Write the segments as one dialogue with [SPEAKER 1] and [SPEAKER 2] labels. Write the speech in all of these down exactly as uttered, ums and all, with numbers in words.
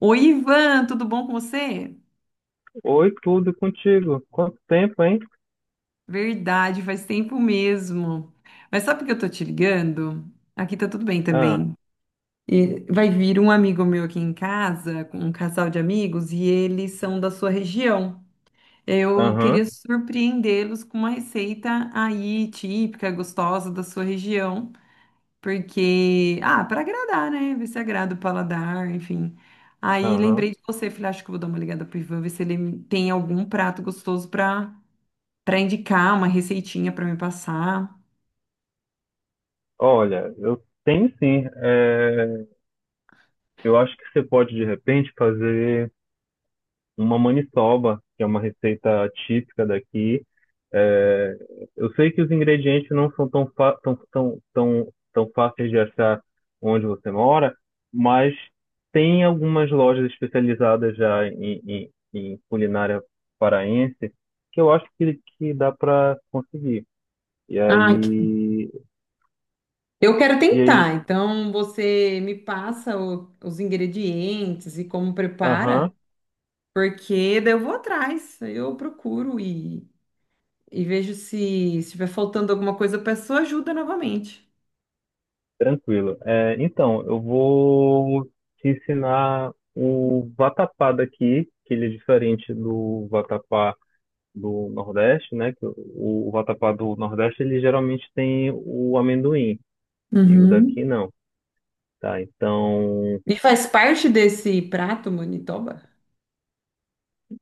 [SPEAKER 1] Oi, Ivan, tudo bom com você?
[SPEAKER 2] Oi, tudo contigo? Quanto tempo, hein?
[SPEAKER 1] Verdade, faz tempo mesmo. Mas sabe por que eu tô te ligando? Aqui tá tudo bem
[SPEAKER 2] Ah,
[SPEAKER 1] também. E vai vir um amigo meu aqui em casa, com um casal de amigos, e eles são da sua região. Eu queria
[SPEAKER 2] aham,
[SPEAKER 1] surpreendê-los com uma receita aí típica, gostosa da sua região, porque, ah, para agradar, né? Ver se agrada o paladar, enfim. Aí
[SPEAKER 2] aham.
[SPEAKER 1] lembrei de você, falei, acho que eu vou dar uma ligada pro Ivan, ver se ele tem algum prato gostoso para para indicar uma receitinha para me passar.
[SPEAKER 2] Olha, eu tenho sim. É, eu acho que você pode, de repente, fazer uma maniçoba, que é uma receita típica daqui. É, eu sei que os ingredientes não são tão, fa- tão, tão, tão, tão fáceis de achar onde você mora, mas tem algumas lojas especializadas já em, em, em culinária paraense que eu acho que, que dá para conseguir. E
[SPEAKER 1] Ah, que-
[SPEAKER 2] aí,
[SPEAKER 1] eu quero
[SPEAKER 2] e aí,
[SPEAKER 1] tentar. Então, você me passa o- os ingredientes e como prepara,
[SPEAKER 2] aham,
[SPEAKER 1] porque daí eu vou atrás, eu procuro e, e vejo se estiver faltando alguma coisa, eu peço ajuda novamente.
[SPEAKER 2] tranquilo. É, então, eu vou te ensinar o vatapá daqui, que ele é diferente do vatapá do Nordeste, né? Que o, o vatapá do Nordeste, ele geralmente tem o amendoim, e o daqui
[SPEAKER 1] Uhum.
[SPEAKER 2] não, tá? Então,
[SPEAKER 1] E faz parte desse prato, Manitoba?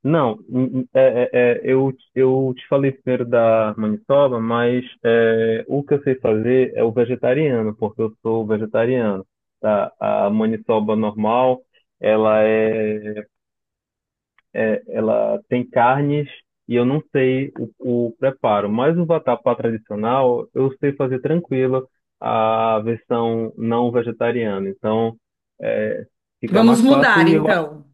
[SPEAKER 2] não, n- n- é, é, é, eu, eu te falei primeiro da maniçoba, mas é, o que eu sei fazer é o vegetariano, porque eu sou vegetariano, tá? A maniçoba normal, ela é, é- ela tem carnes e eu não sei o, o preparo, mas o vatapá tradicional eu sei fazer tranquilo a versão não vegetariana, então é, fica
[SPEAKER 1] Vamos
[SPEAKER 2] mais fácil
[SPEAKER 1] mudar,
[SPEAKER 2] e eu acho
[SPEAKER 1] então.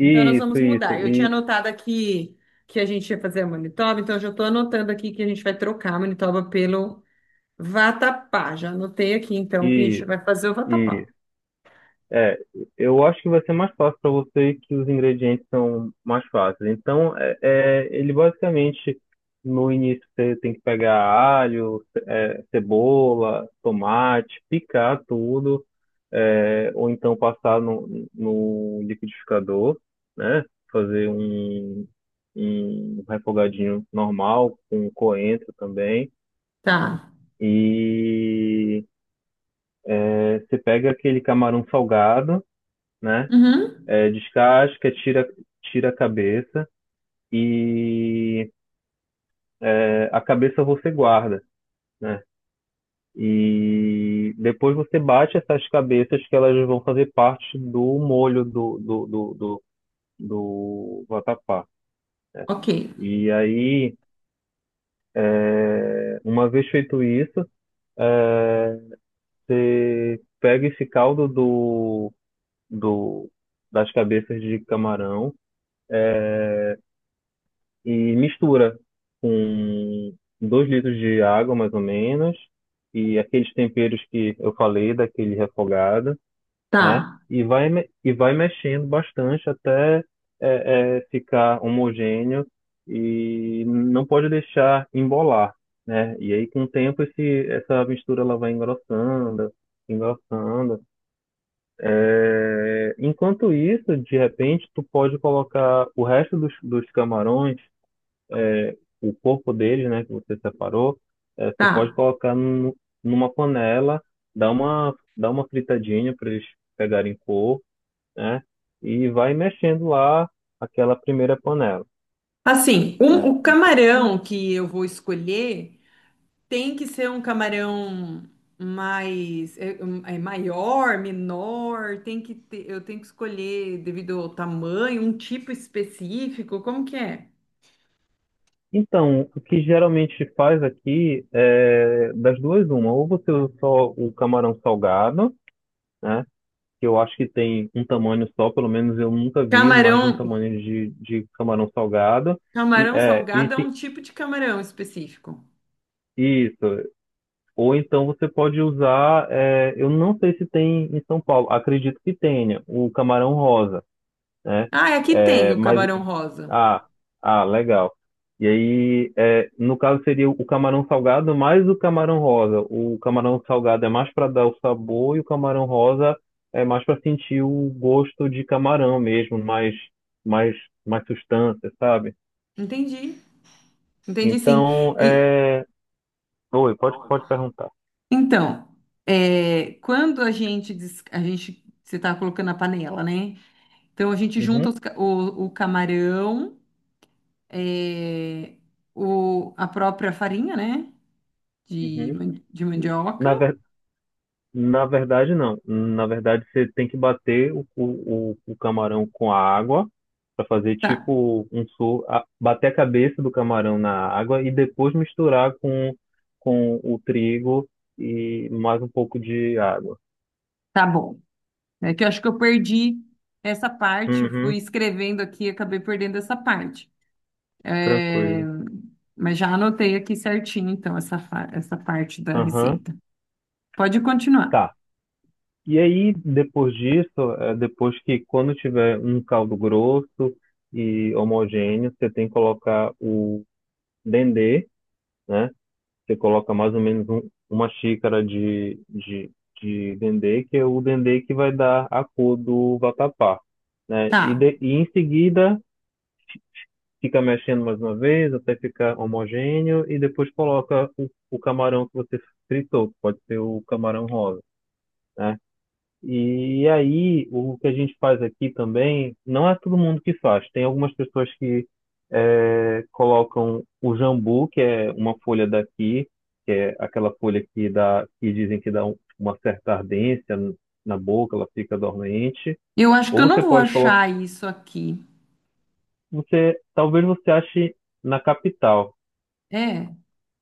[SPEAKER 1] Então, nós vamos
[SPEAKER 2] isso,
[SPEAKER 1] mudar. Eu tinha
[SPEAKER 2] e,
[SPEAKER 1] anotado aqui que a gente ia fazer a Manitoba, então eu já estou anotando aqui que a gente vai trocar a Manitoba pelo Vatapá. Já anotei aqui, então, que a gente
[SPEAKER 2] e,
[SPEAKER 1] vai fazer o vatapá.
[SPEAKER 2] isso. É, eu acho que vai ser mais fácil para você que os ingredientes são mais fáceis. Então, é, é, ele basicamente, no início, você tem que pegar alho, é, cebola, tomate, picar tudo, é, ou então passar no, no liquidificador, né? Fazer um, um refogadinho normal, com coentro também.
[SPEAKER 1] Tá.
[SPEAKER 2] E é, você pega aquele camarão salgado, né?
[SPEAKER 1] Uhum.
[SPEAKER 2] É, descasca, tira, tira a cabeça e é, a cabeça você guarda, né? E depois você bate essas cabeças que elas vão fazer parte do molho do, do, do, do, do vatapá.
[SPEAKER 1] Ok.
[SPEAKER 2] E aí, é, uma vez feito isso, é, você pega esse caldo do, do, das cabeças de camarão, e mistura com dois litros de água, mais ou menos, e aqueles temperos que eu falei, daquele refogado,
[SPEAKER 1] Tá.
[SPEAKER 2] né? E vai, me- e vai mexendo bastante até é, é, ficar homogêneo e não pode deixar embolar, né? E aí, com o tempo, esse, essa mistura ela vai engrossando, engrossando. É, enquanto isso, de repente, tu pode colocar o resto dos, dos camarões, é, o corpo dele, né, que você separou. Eh, você
[SPEAKER 1] Tá.
[SPEAKER 2] pode colocar num- numa panela, dar uma, dar uma fritadinha para eles pegarem cor, né, e vai mexendo lá aquela primeira panela,
[SPEAKER 1] Assim, um-
[SPEAKER 2] né.
[SPEAKER 1] o camarão que eu vou escolher tem que ser um camarão mais... É, um- é maior, menor? Tem que ter, eu tenho que escolher devido ao tamanho, um tipo específico? Como que é?
[SPEAKER 2] Então, o que geralmente faz aqui é das duas uma, ou você usa só o camarão salgado, né, que eu acho que tem um tamanho só, pelo menos eu nunca vi mais de um
[SPEAKER 1] Camarão,
[SPEAKER 2] tamanho de, de camarão salgado, e,
[SPEAKER 1] camarão
[SPEAKER 2] é, e
[SPEAKER 1] salgado é
[SPEAKER 2] tem,
[SPEAKER 1] um tipo de camarão específico.
[SPEAKER 2] isso. Ou então você pode usar, é, eu não sei se tem em São Paulo, acredito que tenha, o camarão rosa, né?
[SPEAKER 1] Ah, aqui tem
[SPEAKER 2] É,
[SPEAKER 1] o
[SPEAKER 2] mas,
[SPEAKER 1] camarão rosa.
[SPEAKER 2] ah, ah, legal. E aí, é, no caso seria o camarão salgado mais o camarão rosa. O camarão salgado é mais para dar o sabor e o camarão rosa é mais para sentir o gosto de camarão mesmo, mais, mais, mais substância, sabe?
[SPEAKER 1] Entendi. Entendi, sim.
[SPEAKER 2] Então,
[SPEAKER 1] E
[SPEAKER 2] é... Oi, pode, pode perguntar.
[SPEAKER 1] então, é, quando a gente des- a gente você está colocando a panela, né? Então a gente
[SPEAKER 2] Uhum,
[SPEAKER 1] junta os ca- o, o camarão, é, o, a própria farinha, né? De,
[SPEAKER 2] uhum.
[SPEAKER 1] man- de mandioca.
[SPEAKER 2] Na Na verdade, não. Na verdade, você tem que bater o, o, o camarão com a água para fazer tipo um sur... a- bater a cabeça do camarão na água e depois misturar com, com o trigo e mais um pouco de água.
[SPEAKER 1] Tá bom. É que eu acho que eu perdi essa parte, fui
[SPEAKER 2] Uhum,
[SPEAKER 1] escrevendo aqui e acabei perdendo essa parte. É,
[SPEAKER 2] tranquilo.
[SPEAKER 1] mas já anotei aqui certinho, então, essa, fa- essa parte da
[SPEAKER 2] Aham,
[SPEAKER 1] receita. Pode continuar.
[SPEAKER 2] tá. E aí, depois disso, é, depois que quando tiver um caldo grosso e homogêneo, você tem que colocar o dendê, né? Você coloca mais ou menos um- uma xícara de, de, de dendê, que é o dendê que vai dar a cor do vatapá, né?
[SPEAKER 1] Tá.
[SPEAKER 2] E, de- e em seguida fica mexendo mais uma vez até ficar homogêneo e depois coloca o, o camarão que você fritou, que pode ser o camarão rosa, né? E aí, o que a gente faz aqui também, não é todo mundo que faz. Tem algumas pessoas que eh, colocam o jambu, que é uma folha daqui, que é aquela folha que dá, que dizem que dá um- uma certa ardência n- na boca, ela fica dormente.
[SPEAKER 1] Eu acho que
[SPEAKER 2] Ou
[SPEAKER 1] eu não
[SPEAKER 2] você
[SPEAKER 1] vou
[SPEAKER 2] pode colocar,
[SPEAKER 1] achar isso aqui.
[SPEAKER 2] você, talvez você ache na capital.
[SPEAKER 1] É,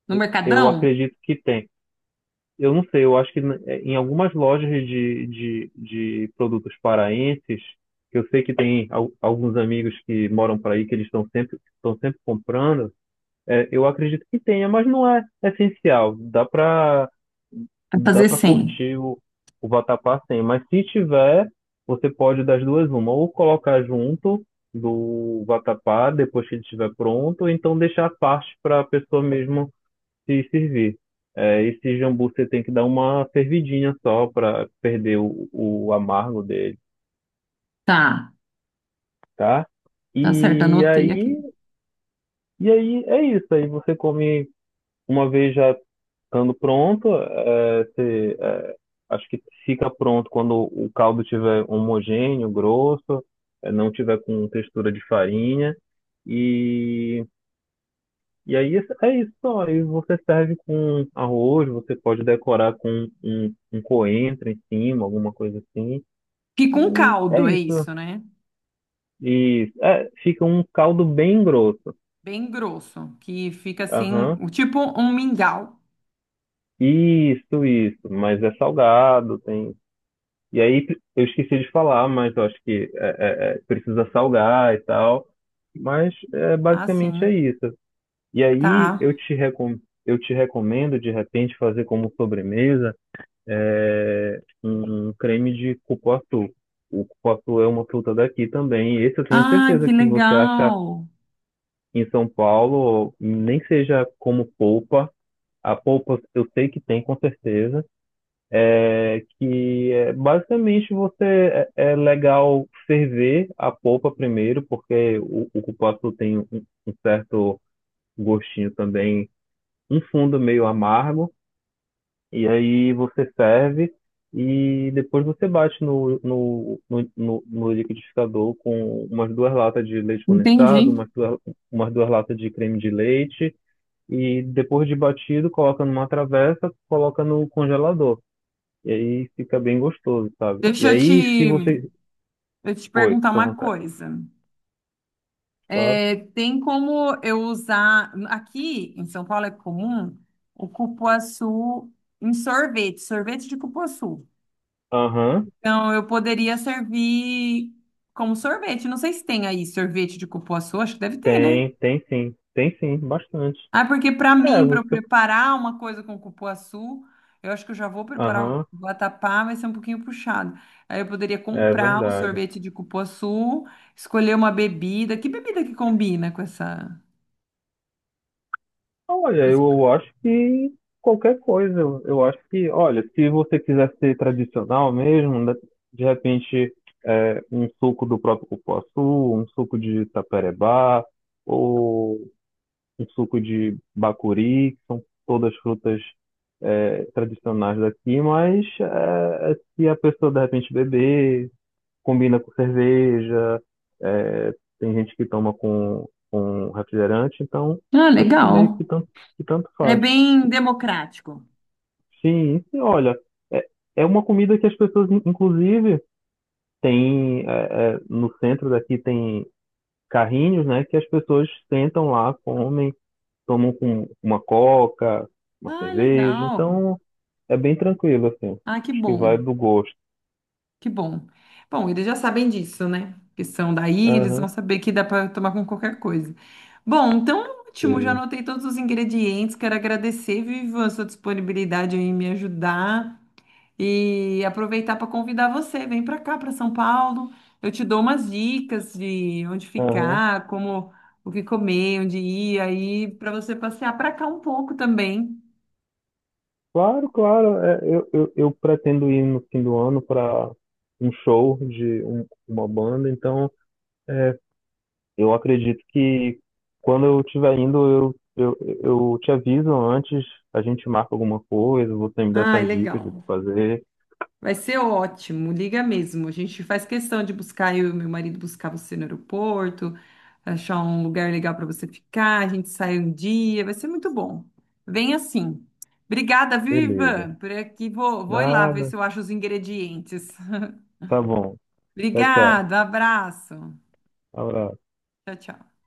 [SPEAKER 1] no
[SPEAKER 2] Eu eu
[SPEAKER 1] Mercadão?
[SPEAKER 2] acredito que tem. Eu não sei, eu acho que eh, em algumas lojas de, de, de produtos paraenses, que eu sei que tem al- alguns amigos que moram por aí, que eles estão sempre, estão sempre comprando. Eh, eu acredito que tenha, mas não é essencial. Dá para
[SPEAKER 1] Vai
[SPEAKER 2] dá
[SPEAKER 1] fazer
[SPEAKER 2] para
[SPEAKER 1] cem.
[SPEAKER 2] curtir o, o vatapá sem, mas se tiver, você pode das duas uma, ou colocar junto do vatapá depois que ele estiver pronto, ou então deixar a parte para a pessoa mesmo se servir. É, esse jambu você tem que dar uma fervidinha só para perder o, o amargo dele,
[SPEAKER 1] Tá,
[SPEAKER 2] tá?
[SPEAKER 1] tá certo,
[SPEAKER 2] E
[SPEAKER 1] anotei aqui.
[SPEAKER 2] aí, e aí é isso. Aí você come uma vez já estando pronto. É, você, é, acho que fica pronto quando o caldo tiver homogêneo, grosso, é, não tiver com textura de farinha. E E aí isso- é isso só. Aí você serve com arroz, você pode decorar com um, um coentro em cima, alguma coisa assim.
[SPEAKER 1] Fica um
[SPEAKER 2] E é
[SPEAKER 1] caldo, é
[SPEAKER 2] isso.
[SPEAKER 1] isso, né?
[SPEAKER 2] E é, fica um caldo bem grosso.
[SPEAKER 1] Bem grosso, que fica assim,
[SPEAKER 2] Aham.
[SPEAKER 1] o- tipo um mingau.
[SPEAKER 2] Isso, isso. Mas é salgado, tem. E aí eu esqueci de falar, mas eu acho que é, é, é, precisa salgar e tal. Mas é, basicamente
[SPEAKER 1] Assim,
[SPEAKER 2] é isso. E aí
[SPEAKER 1] tá.
[SPEAKER 2] eu te recom... eu te recomendo de repente fazer como sobremesa é, um um creme de cupuaçu. O cupuaçu é uma fruta daqui também. Esse eu tenho
[SPEAKER 1] Ah,
[SPEAKER 2] certeza
[SPEAKER 1] que
[SPEAKER 2] que você acha
[SPEAKER 1] legal.
[SPEAKER 2] em São Paulo, nem seja como polpa. A polpa eu sei que tem, com certeza. É que é, basicamente você é, é legal ferver a polpa primeiro, porque o, o cupuaçu tem um, um certo gostinho também, um fundo meio amargo. E aí você serve e depois você bate no, no, no, no, no liquidificador com umas duas latas de leite condensado,
[SPEAKER 1] Entendi.
[SPEAKER 2] umas duas, umas duas latas de creme de leite e depois de batido coloca numa travessa, coloca no congelador. E aí fica bem gostoso, sabe? E
[SPEAKER 1] Deixa eu
[SPEAKER 2] aí se
[SPEAKER 1] te,
[SPEAKER 2] você...
[SPEAKER 1] eu te
[SPEAKER 2] Oi,
[SPEAKER 1] perguntar
[SPEAKER 2] fica à
[SPEAKER 1] uma
[SPEAKER 2] vontade,
[SPEAKER 1] coisa.
[SPEAKER 2] claro.
[SPEAKER 1] É, tem como eu usar. Aqui em São Paulo é comum o cupuaçu em sorvete, sorvete de cupuaçu.
[SPEAKER 2] Aham,
[SPEAKER 1] Então eu poderia servir como sorvete. Não sei se tem aí sorvete de cupuaçu, acho que deve ter, né?
[SPEAKER 2] tem, tem sim. Tem sim, bastante.
[SPEAKER 1] Ah, porque para
[SPEAKER 2] É,
[SPEAKER 1] mim, para eu
[SPEAKER 2] você...
[SPEAKER 1] preparar uma coisa com cupuaçu, eu acho que eu já vou preparar o
[SPEAKER 2] Aham,
[SPEAKER 1] vatapá, vai ser um pouquinho puxado. Aí eu poderia
[SPEAKER 2] é
[SPEAKER 1] comprar um
[SPEAKER 2] verdade.
[SPEAKER 1] sorvete de cupuaçu, escolher uma bebida. Que bebida que combina com essa?
[SPEAKER 2] Olha, eu, eu acho que qualquer coisa, eu, eu acho que, olha, se você quiser ser tradicional mesmo, né, de repente é, um suco do próprio cupuaçu, um suco de taperebá, ou um suco de bacuri, que são todas frutas é, tradicionais daqui, mas é, é se a pessoa de repente beber combina com cerveja, é, tem gente que toma com, com refrigerante, então
[SPEAKER 1] Ah,
[SPEAKER 2] acho que meio que
[SPEAKER 1] legal.
[SPEAKER 2] tanto, que tanto
[SPEAKER 1] É
[SPEAKER 2] faz.
[SPEAKER 1] bem democrático.
[SPEAKER 2] Sim, e, olha, é, é uma comida que as pessoas, in- inclusive, tem é, é, no centro daqui tem carrinhos, né, que as pessoas sentam lá, comem, tomam com uma coca, uma
[SPEAKER 1] Ah,
[SPEAKER 2] cerveja,
[SPEAKER 1] legal.
[SPEAKER 2] então é bem tranquilo, assim.
[SPEAKER 1] Ah, que
[SPEAKER 2] Acho que vai
[SPEAKER 1] bom.
[SPEAKER 2] do gosto.
[SPEAKER 1] Que bom. Bom, eles já sabem disso, né? Que são daí, eles
[SPEAKER 2] Aham,
[SPEAKER 1] vão saber que dá para tomar com qualquer coisa. Bom, então ótimo, já
[SPEAKER 2] teve.
[SPEAKER 1] anotei todos os ingredientes. Quero agradecer, Vivian, a sua disponibilidade aí em me ajudar e aproveitar para convidar você. Vem para cá, para São Paulo. Eu te dou umas dicas de onde
[SPEAKER 2] Aham.
[SPEAKER 1] ficar, como o que comer, onde ir, aí para você passear para cá um pouco também.
[SPEAKER 2] Claro, claro. É, eu, eu, eu pretendo ir no fim do ano para um show de um- uma banda, então é, eu acredito que quando eu estiver indo, eu, eu, eu te aviso antes, a gente marca alguma coisa, você me dá
[SPEAKER 1] Ai,
[SPEAKER 2] essas dicas do que
[SPEAKER 1] legal.
[SPEAKER 2] fazer.
[SPEAKER 1] Vai ser ótimo, liga mesmo. A gente faz questão de buscar, eu e meu marido buscar você no aeroporto, achar um lugar legal para você ficar, a gente sai um dia, vai ser muito bom. Vem assim. Obrigada, viu,
[SPEAKER 2] Beleza.
[SPEAKER 1] Ivan? Por aqui vou, vou ir lá ver
[SPEAKER 2] Nada.
[SPEAKER 1] se eu acho os ingredientes.
[SPEAKER 2] Tá bom. Tchau, tchau.
[SPEAKER 1] Obrigada, abraço.
[SPEAKER 2] Abraço.
[SPEAKER 1] Tchau, tchau.